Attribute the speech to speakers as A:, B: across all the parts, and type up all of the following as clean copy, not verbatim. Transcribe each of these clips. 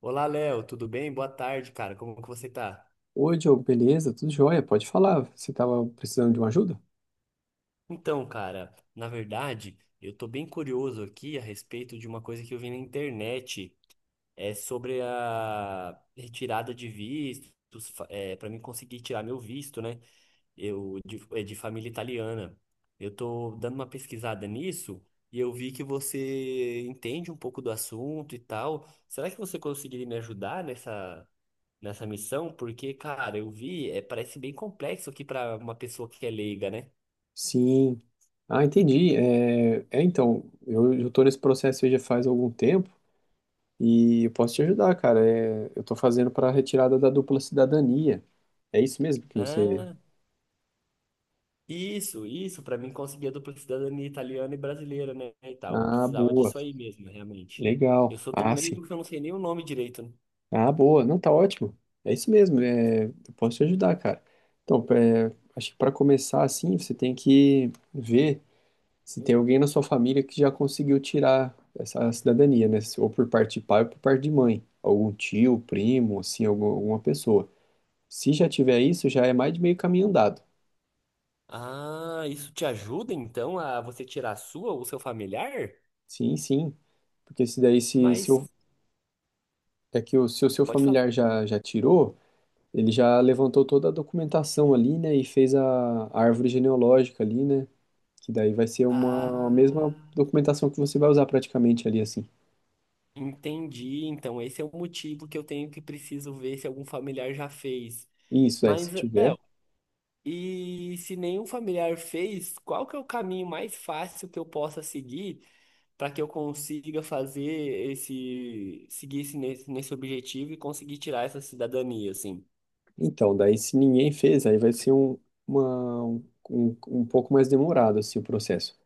A: Olá, Léo, tudo bem? Boa tarde, cara. Como que você tá?
B: Oi, Diogo, beleza? Tudo jóia? Pode falar. Você estava precisando de uma ajuda?
A: Então, cara, na verdade, eu tô bem curioso aqui a respeito de uma coisa que eu vi na internet, é sobre a retirada de vistos, para mim conseguir tirar meu visto, né? É de família italiana. Eu tô dando uma pesquisada nisso e eu vi que você entende um pouco do assunto e tal. Será que você conseguiria me ajudar nessa missão, porque, cara, eu vi, é, parece bem complexo aqui pra uma pessoa que é leiga, né?
B: Sim. Ah, entendi. Então, eu estou nesse processo aí já faz algum tempo e eu posso te ajudar, cara. É, eu estou fazendo para a retirada da dupla cidadania. É isso mesmo que você.
A: Ah, isso, pra mim conseguir a dupla cidadania italiana e brasileira, né? E tal. Eu
B: Ah,
A: precisava
B: boa.
A: disso aí mesmo, realmente. Eu
B: Legal.
A: sou tão
B: Ah, sim.
A: leigo que eu não sei nem o nome direito, né?
B: Ah, boa. Não, tá ótimo. É isso mesmo. É, eu posso te ajudar, cara. Então, é, acho que para começar assim, você tem que ver se tem alguém na sua família que já conseguiu tirar essa cidadania, né? Ou por parte de pai ou por parte de mãe. Algum tio, primo, assim, alguma pessoa. Se já tiver isso, já é mais de meio caminho andado.
A: Ah, isso te ajuda então a você tirar a sua ou seu familiar?
B: Sim, sim. Porque se daí, se
A: Mas
B: o- é que o, se o seu
A: pode falar.
B: familiar já tirou, ele já levantou toda a documentação ali, né? E fez a árvore genealógica ali, né? Que daí vai ser uma a
A: Ah,
B: mesma documentação que você vai usar praticamente ali, assim.
A: entendi. Então esse é o motivo que eu tenho que preciso ver se algum familiar já fez.
B: Isso, é, se
A: Mas
B: tiver.
A: é, e se nenhum familiar fez, qual que é o caminho mais fácil que eu possa seguir para que eu consiga fazer esse, seguir esse, nesse, nesse objetivo e conseguir tirar essa cidadania, assim?
B: Então, daí se ninguém fez, aí vai ser um, uma, um, um um pouco mais demorado assim, o processo.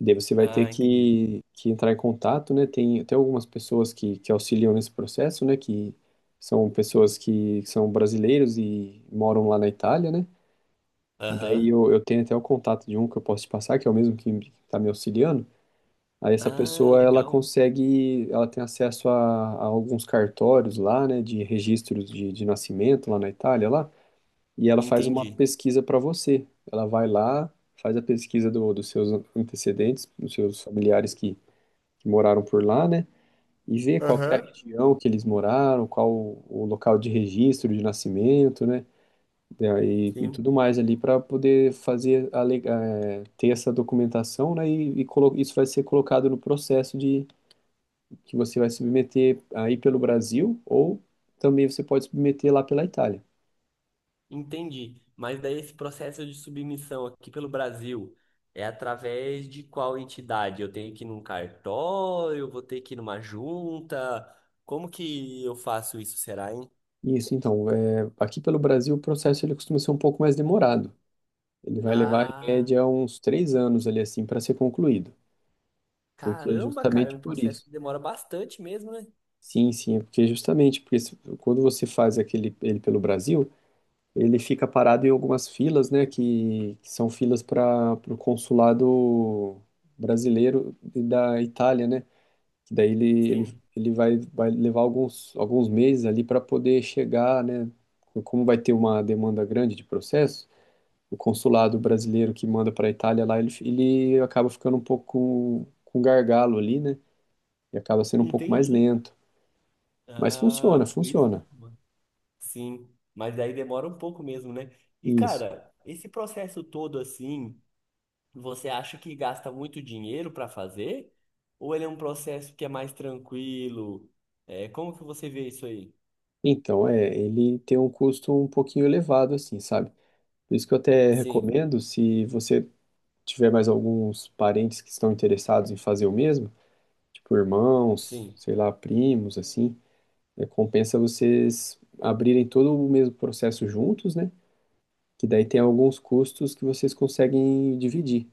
B: Daí você vai ter
A: Ah, entendi.
B: que entrar em contato, né? Tem até algumas pessoas que auxiliam nesse processo, né? Que são pessoas que são brasileiros e moram lá na Itália, né? E
A: Aham.
B: daí eu tenho até o contato de um que eu posso te passar, que é o mesmo que está me auxiliando. Aí essa
A: Ah,
B: pessoa, ela
A: legal.
B: consegue, ela tem acesso a alguns cartórios lá, né? De registros de nascimento lá na Itália, lá e ela faz uma
A: Entendi.
B: pesquisa para você. Ela vai lá, faz a pesquisa dos seus antecedentes, dos seus familiares que moraram por lá, né? E vê qual que é a
A: Aham.
B: região que eles moraram, qual o local de registro de nascimento, né? E
A: Sim.
B: tudo mais ali para poder fazer a, ter essa documentação, né? E isso vai ser colocado no processo de que você vai submeter aí pelo Brasil ou também você pode submeter lá pela Itália.
A: Entendi. Mas daí esse processo de submissão aqui pelo Brasil é através de qual entidade? Eu tenho que ir num cartório, eu vou ter que ir numa junta. Como que eu faço isso, será, hein?
B: Isso, então, é, aqui pelo Brasil o processo ele costuma ser um pouco mais demorado. Ele vai levar, em
A: Ah,
B: média, uns 3 anos ali assim para ser concluído, porque é
A: caramba, cara, é
B: justamente
A: um
B: por
A: processo
B: isso.
A: que demora bastante mesmo, né?
B: Sim, sim, é porque é justamente porque quando você faz aquele ele pelo Brasil, ele fica parado em algumas filas, né, que são filas para o consulado brasileiro e da Itália, né? Que daí ele, ele,
A: Sim,
B: ele vai, vai levar alguns meses ali para poder chegar, né? Como vai ter uma demanda grande de processos o consulado brasileiro que manda para a Itália lá, ele acaba ficando um pouco com gargalo ali, né? E acaba sendo um pouco mais
A: entendi.
B: lento. Mas funciona,
A: Ah, por isso.
B: funciona.
A: Sim, mas daí demora um pouco mesmo, né? E,
B: Isso.
A: cara, esse processo todo assim. Você acha que gasta muito dinheiro para fazer? Ou ele é um processo que é mais tranquilo? É, como que você vê isso aí?
B: Então, é, ele tem um custo um pouquinho elevado, assim, sabe? Por isso que eu até
A: Sim,
B: recomendo, se você tiver mais alguns parentes que estão interessados em fazer o mesmo, tipo irmãos,
A: sim.
B: sei lá, primos, assim, é, compensa vocês abrirem todo o mesmo processo juntos, né? Que daí tem alguns custos que vocês conseguem dividir.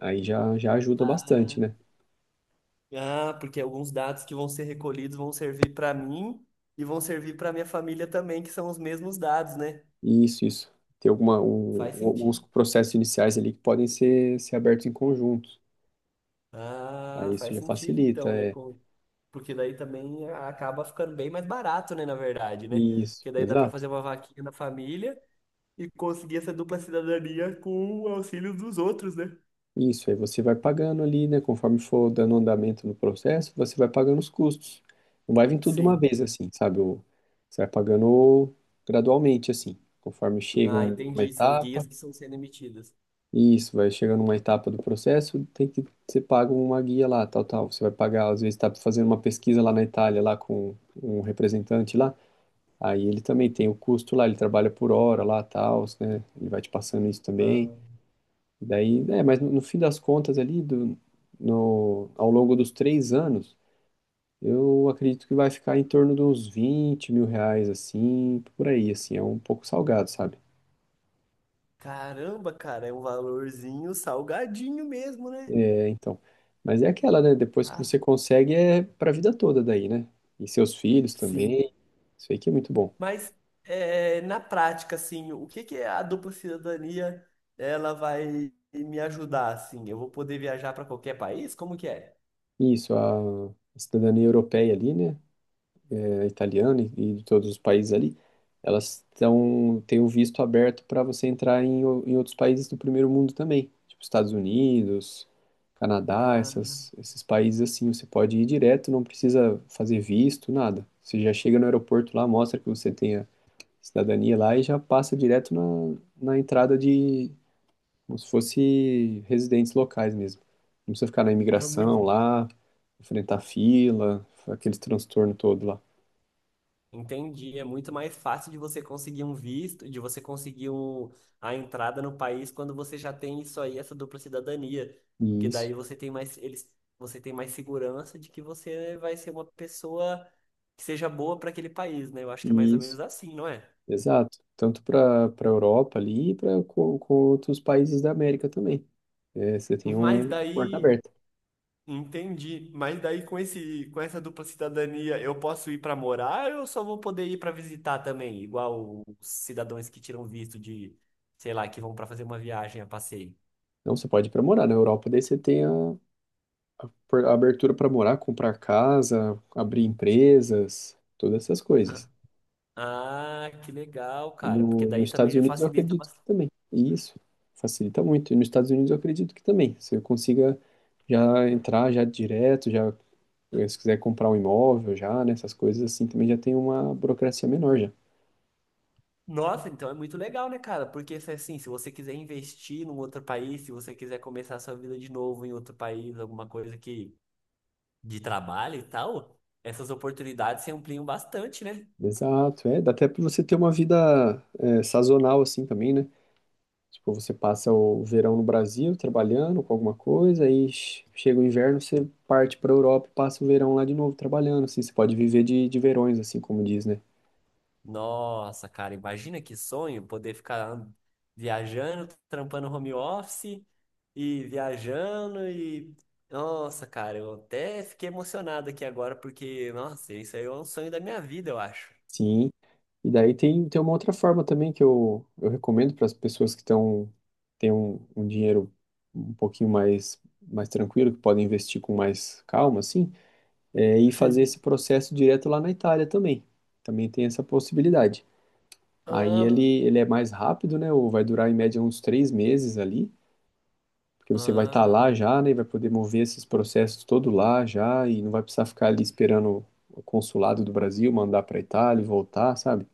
B: Aí já ajuda
A: Ah,
B: bastante, né?
A: ah, porque alguns dados que vão ser recolhidos vão servir para mim e vão servir para minha família também, que são os mesmos dados, né?
B: Isso, isso. Tem
A: Faz
B: alguns
A: sentido.
B: processos iniciais ali que podem ser abertos em conjunto.
A: Ah,
B: Aí isso
A: faz
B: já
A: sentido
B: facilita,
A: então, né?
B: é.
A: Com- porque daí também ah, acaba ficando bem mais barato, né? Na verdade, né?
B: Isso,
A: Porque daí dá para
B: exato.
A: fazer uma vaquinha na família e conseguir essa dupla cidadania com o auxílio dos outros, né?
B: Isso, aí você vai pagando ali, né? Conforme for dando andamento no processo, você vai pagando os custos. Não vai vir tudo de uma
A: Sim.
B: vez, assim, sabe? Você vai pagando gradualmente, assim, conforme chega
A: Ah,
B: uma
A: entendi. São
B: etapa.
A: guias que estão sendo emitidas.
B: Isso, vai chegando uma etapa do processo, tem que você paga uma guia lá, tal, tal. Você vai pagar, às vezes está fazendo uma pesquisa lá na Itália, lá com um representante lá. Aí ele também tem o custo lá, ele trabalha por hora lá, tal, né? Ele vai te passando isso também.
A: Ah,
B: E daí, é, mas no fim das contas ali, do, no, ao longo dos 3 anos, eu acredito que vai ficar em torno de uns R$ 20.000, assim, por aí, assim, é um pouco salgado, sabe?
A: caramba, cara, é um valorzinho salgadinho mesmo, né?
B: É, então. Mas é aquela, né? Depois que
A: Ah,
B: você consegue, é pra vida toda daí, né? E seus filhos
A: sim.
B: também. Isso aí que é muito bom.
A: Mas é, na prática, assim, o que que a dupla cidadania ela vai me ajudar, assim? Eu vou poder viajar para qualquer país? Como que é?
B: Isso, a cidadania europeia ali, né? É, italiana e de todos os países ali, elas tão têm o visto aberto para você entrar em outros países do primeiro mundo também. Tipo Estados Unidos, Canadá,
A: Ah,
B: essas, esses países assim. Você pode ir direto, não precisa fazer visto, nada. Você já chega no aeroporto lá, mostra que você tem cidadania lá e já passa direto na entrada de, como se fosse residentes locais mesmo. Não precisa ficar na
A: é muito.
B: imigração lá, enfrentar fila, aquele transtorno todo lá.
A: Entendi. É muito mais fácil de você conseguir um visto, de você conseguir um- a entrada no país quando você já tem isso aí, essa dupla cidadania. Porque
B: Isso,
A: daí você tem mais, eles, você tem mais segurança de que você vai ser uma pessoa que seja boa para aquele país, né? Eu acho que é mais ou
B: isso,
A: menos assim, não é?
B: exato. Tanto para Europa ali e para com outros países da América também. É, você tem
A: Mas
B: um porta
A: daí,
B: aberta.
A: entendi. Mas daí com esse, com essa dupla cidadania, eu posso ir para morar ou eu só vou poder ir para visitar também, igual os cidadãos que tiram visto de, sei lá, que vão para fazer uma viagem a passeio?
B: Não, você pode ir para morar na Europa, daí você tem a abertura para morar, comprar casa, abrir empresas, todas essas coisas.
A: Ah, que legal, cara. Porque
B: No,
A: daí
B: Nos
A: também
B: Estados
A: já
B: Unidos eu
A: facilita
B: acredito que
A: bastante.
B: também. E isso facilita muito. E nos Estados Unidos eu acredito que também. Você consiga já entrar já direto, já se quiser comprar um imóvel já, né, essas coisas assim, também já tem uma burocracia menor já.
A: Nossa, então é muito legal, né, cara? Porque se assim, se você quiser investir num outro país, se você quiser começar a sua vida de novo em outro país, alguma coisa que de trabalho e tal, essas oportunidades se ampliam bastante, né?
B: Exato, é, dá até para você ter uma vida é, sazonal assim também, né? Tipo, você passa o verão no Brasil trabalhando com alguma coisa, aí chega o inverno, você parte para Europa e passa o verão lá de novo trabalhando, assim, você pode viver de verões, assim como diz, né?
A: Nossa, cara, imagina que sonho poder ficar an- viajando, trampando home office e viajando e. Nossa, cara, eu até fiquei emocionado aqui agora porque, nossa, isso aí é um sonho da minha vida, eu acho.
B: Sim, e daí tem, tem uma outra forma também que eu recomendo para as pessoas que estão têm um dinheiro um pouquinho mais, mais tranquilo, que podem investir com mais calma, assim, é ir fazer
A: Sim.
B: esse processo direto lá na Itália também. Também tem essa possibilidade. Aí
A: Ah,
B: ele é mais rápido, né? Ou vai durar em média uns 3 meses ali, porque você vai estar
A: ah,
B: lá já, né? E vai poder mover esses processos todo lá já, e não vai precisar ficar ali esperando o consulado do Brasil mandar para a Itália e voltar, sabe?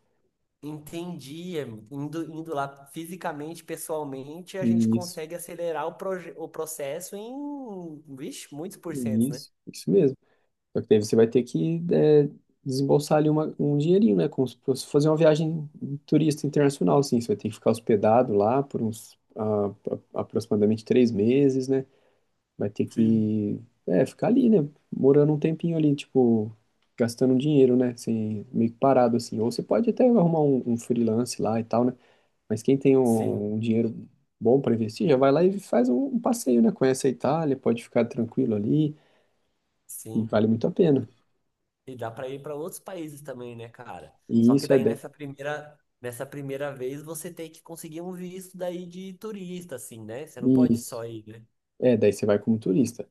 A: entendi. É, indo lá fisicamente, pessoalmente, a gente
B: E
A: consegue acelerar o, proje- o processo em, vixe, muitos porcentos, né?
B: isso mesmo. Só que daí você vai ter que é, desembolsar ali um dinheirinho, né? Como se fosse fazer uma viagem turista internacional, assim. Você vai ter que ficar hospedado lá por uns aproximadamente 3 meses, né? Vai ter
A: Sim.
B: que é, ficar ali, né? Morando um tempinho ali, tipo, gastando um dinheiro, né? Assim, meio que parado, assim. Ou você pode até arrumar um freelance lá e tal, né? Mas quem tem
A: Sim,
B: um dinheiro bom para investir, já vai lá e faz um passeio, né? Conhece a Itália, pode ficar tranquilo ali e
A: sim.
B: vale muito a pena.
A: E dá para ir para outros países também, né, cara?
B: E
A: Só que
B: isso é
A: daí
B: daí.
A: nessa primeira vez você tem que conseguir um visto daí de turista, assim, né? Você não pode
B: Isso.
A: só ir, né?
B: É, daí você vai como turista.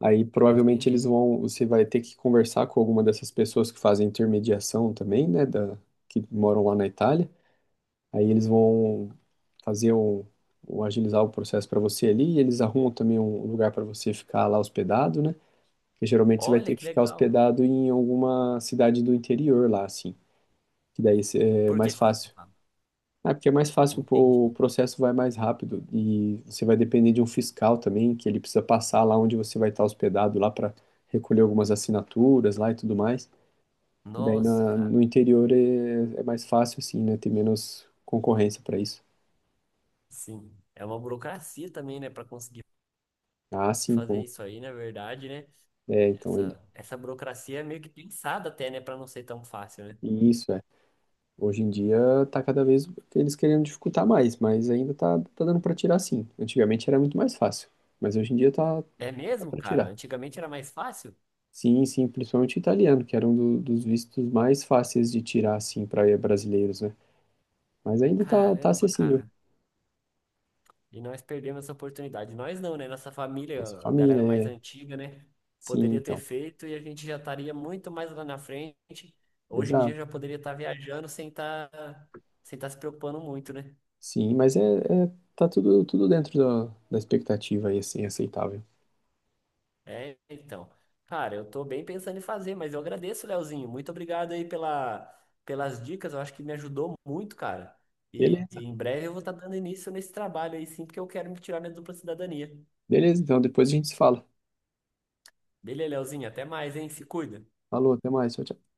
B: Aí provavelmente
A: Entendi.
B: eles vão, você vai ter que conversar com alguma dessas pessoas que fazem intermediação também, né, da, que moram lá na Itália. Aí eles vão fazer o agilizar o processo para você ali, e eles arrumam também um lugar para você ficar lá hospedado, né? Porque geralmente você vai
A: Olha
B: ter que
A: que
B: ficar
A: legal.
B: hospedado em alguma cidade do interior lá, assim, que daí é
A: Por que
B: mais
A: você
B: fácil.
A: fala?
B: É porque é mais fácil,
A: Entendi.
B: pô, o processo vai mais rápido e você vai depender de um fiscal também, que ele precisa passar lá onde você vai estar hospedado lá para recolher algumas assinaturas lá e tudo mais. E daí
A: Nossa, cara.
B: no interior é, é mais fácil assim, né? Tem menos concorrência para isso.
A: Sim. É uma burocracia também, né, para conseguir
B: Ah, sim,
A: fazer
B: com...
A: isso aí, na verdade, né?
B: é, então ele.
A: Essa burocracia é meio que pensada até, né, para não ser tão fácil, né?
B: Isso é. Hoje em dia tá cada vez eles querendo dificultar mais, mas ainda tá, tá dando para tirar sim. Antigamente era muito mais fácil, mas hoje em dia tá,
A: É
B: tá
A: mesmo,
B: para
A: cara?
B: tirar.
A: Antigamente era mais fácil?
B: Sim, sim, principalmente o italiano, que era um dos vistos mais fáceis de tirar, assim, para brasileiros, né? Mas ainda tá, tá
A: Caramba,
B: acessível.
A: cara. E nós perdemos essa oportunidade. Nós não, né? Nossa família,
B: Nossa
A: a galera mais
B: família, é...
A: antiga, né?
B: Sim,
A: Poderia ter
B: então.
A: feito e a gente já estaria muito mais lá na frente. Hoje em dia
B: Exato.
A: já poderia estar viajando sem estar se preocupando muito, né?
B: Sim, mas tá tudo, tudo dentro da expectativa aí, assim, aceitável.
A: É, então. Cara, eu tô bem pensando em fazer, mas eu agradeço, Leozinho. Muito obrigado aí pela, pelas dicas. Eu acho que me ajudou muito, cara. E,
B: Beleza.
A: e em breve eu vou estar dando início nesse trabalho aí, sim, porque eu quero me tirar minha dupla cidadania.
B: Beleza, então depois a gente se fala.
A: Beleza, Leozinho. Até mais, hein? Se cuida.
B: Falou, até mais. Tchau, tchau.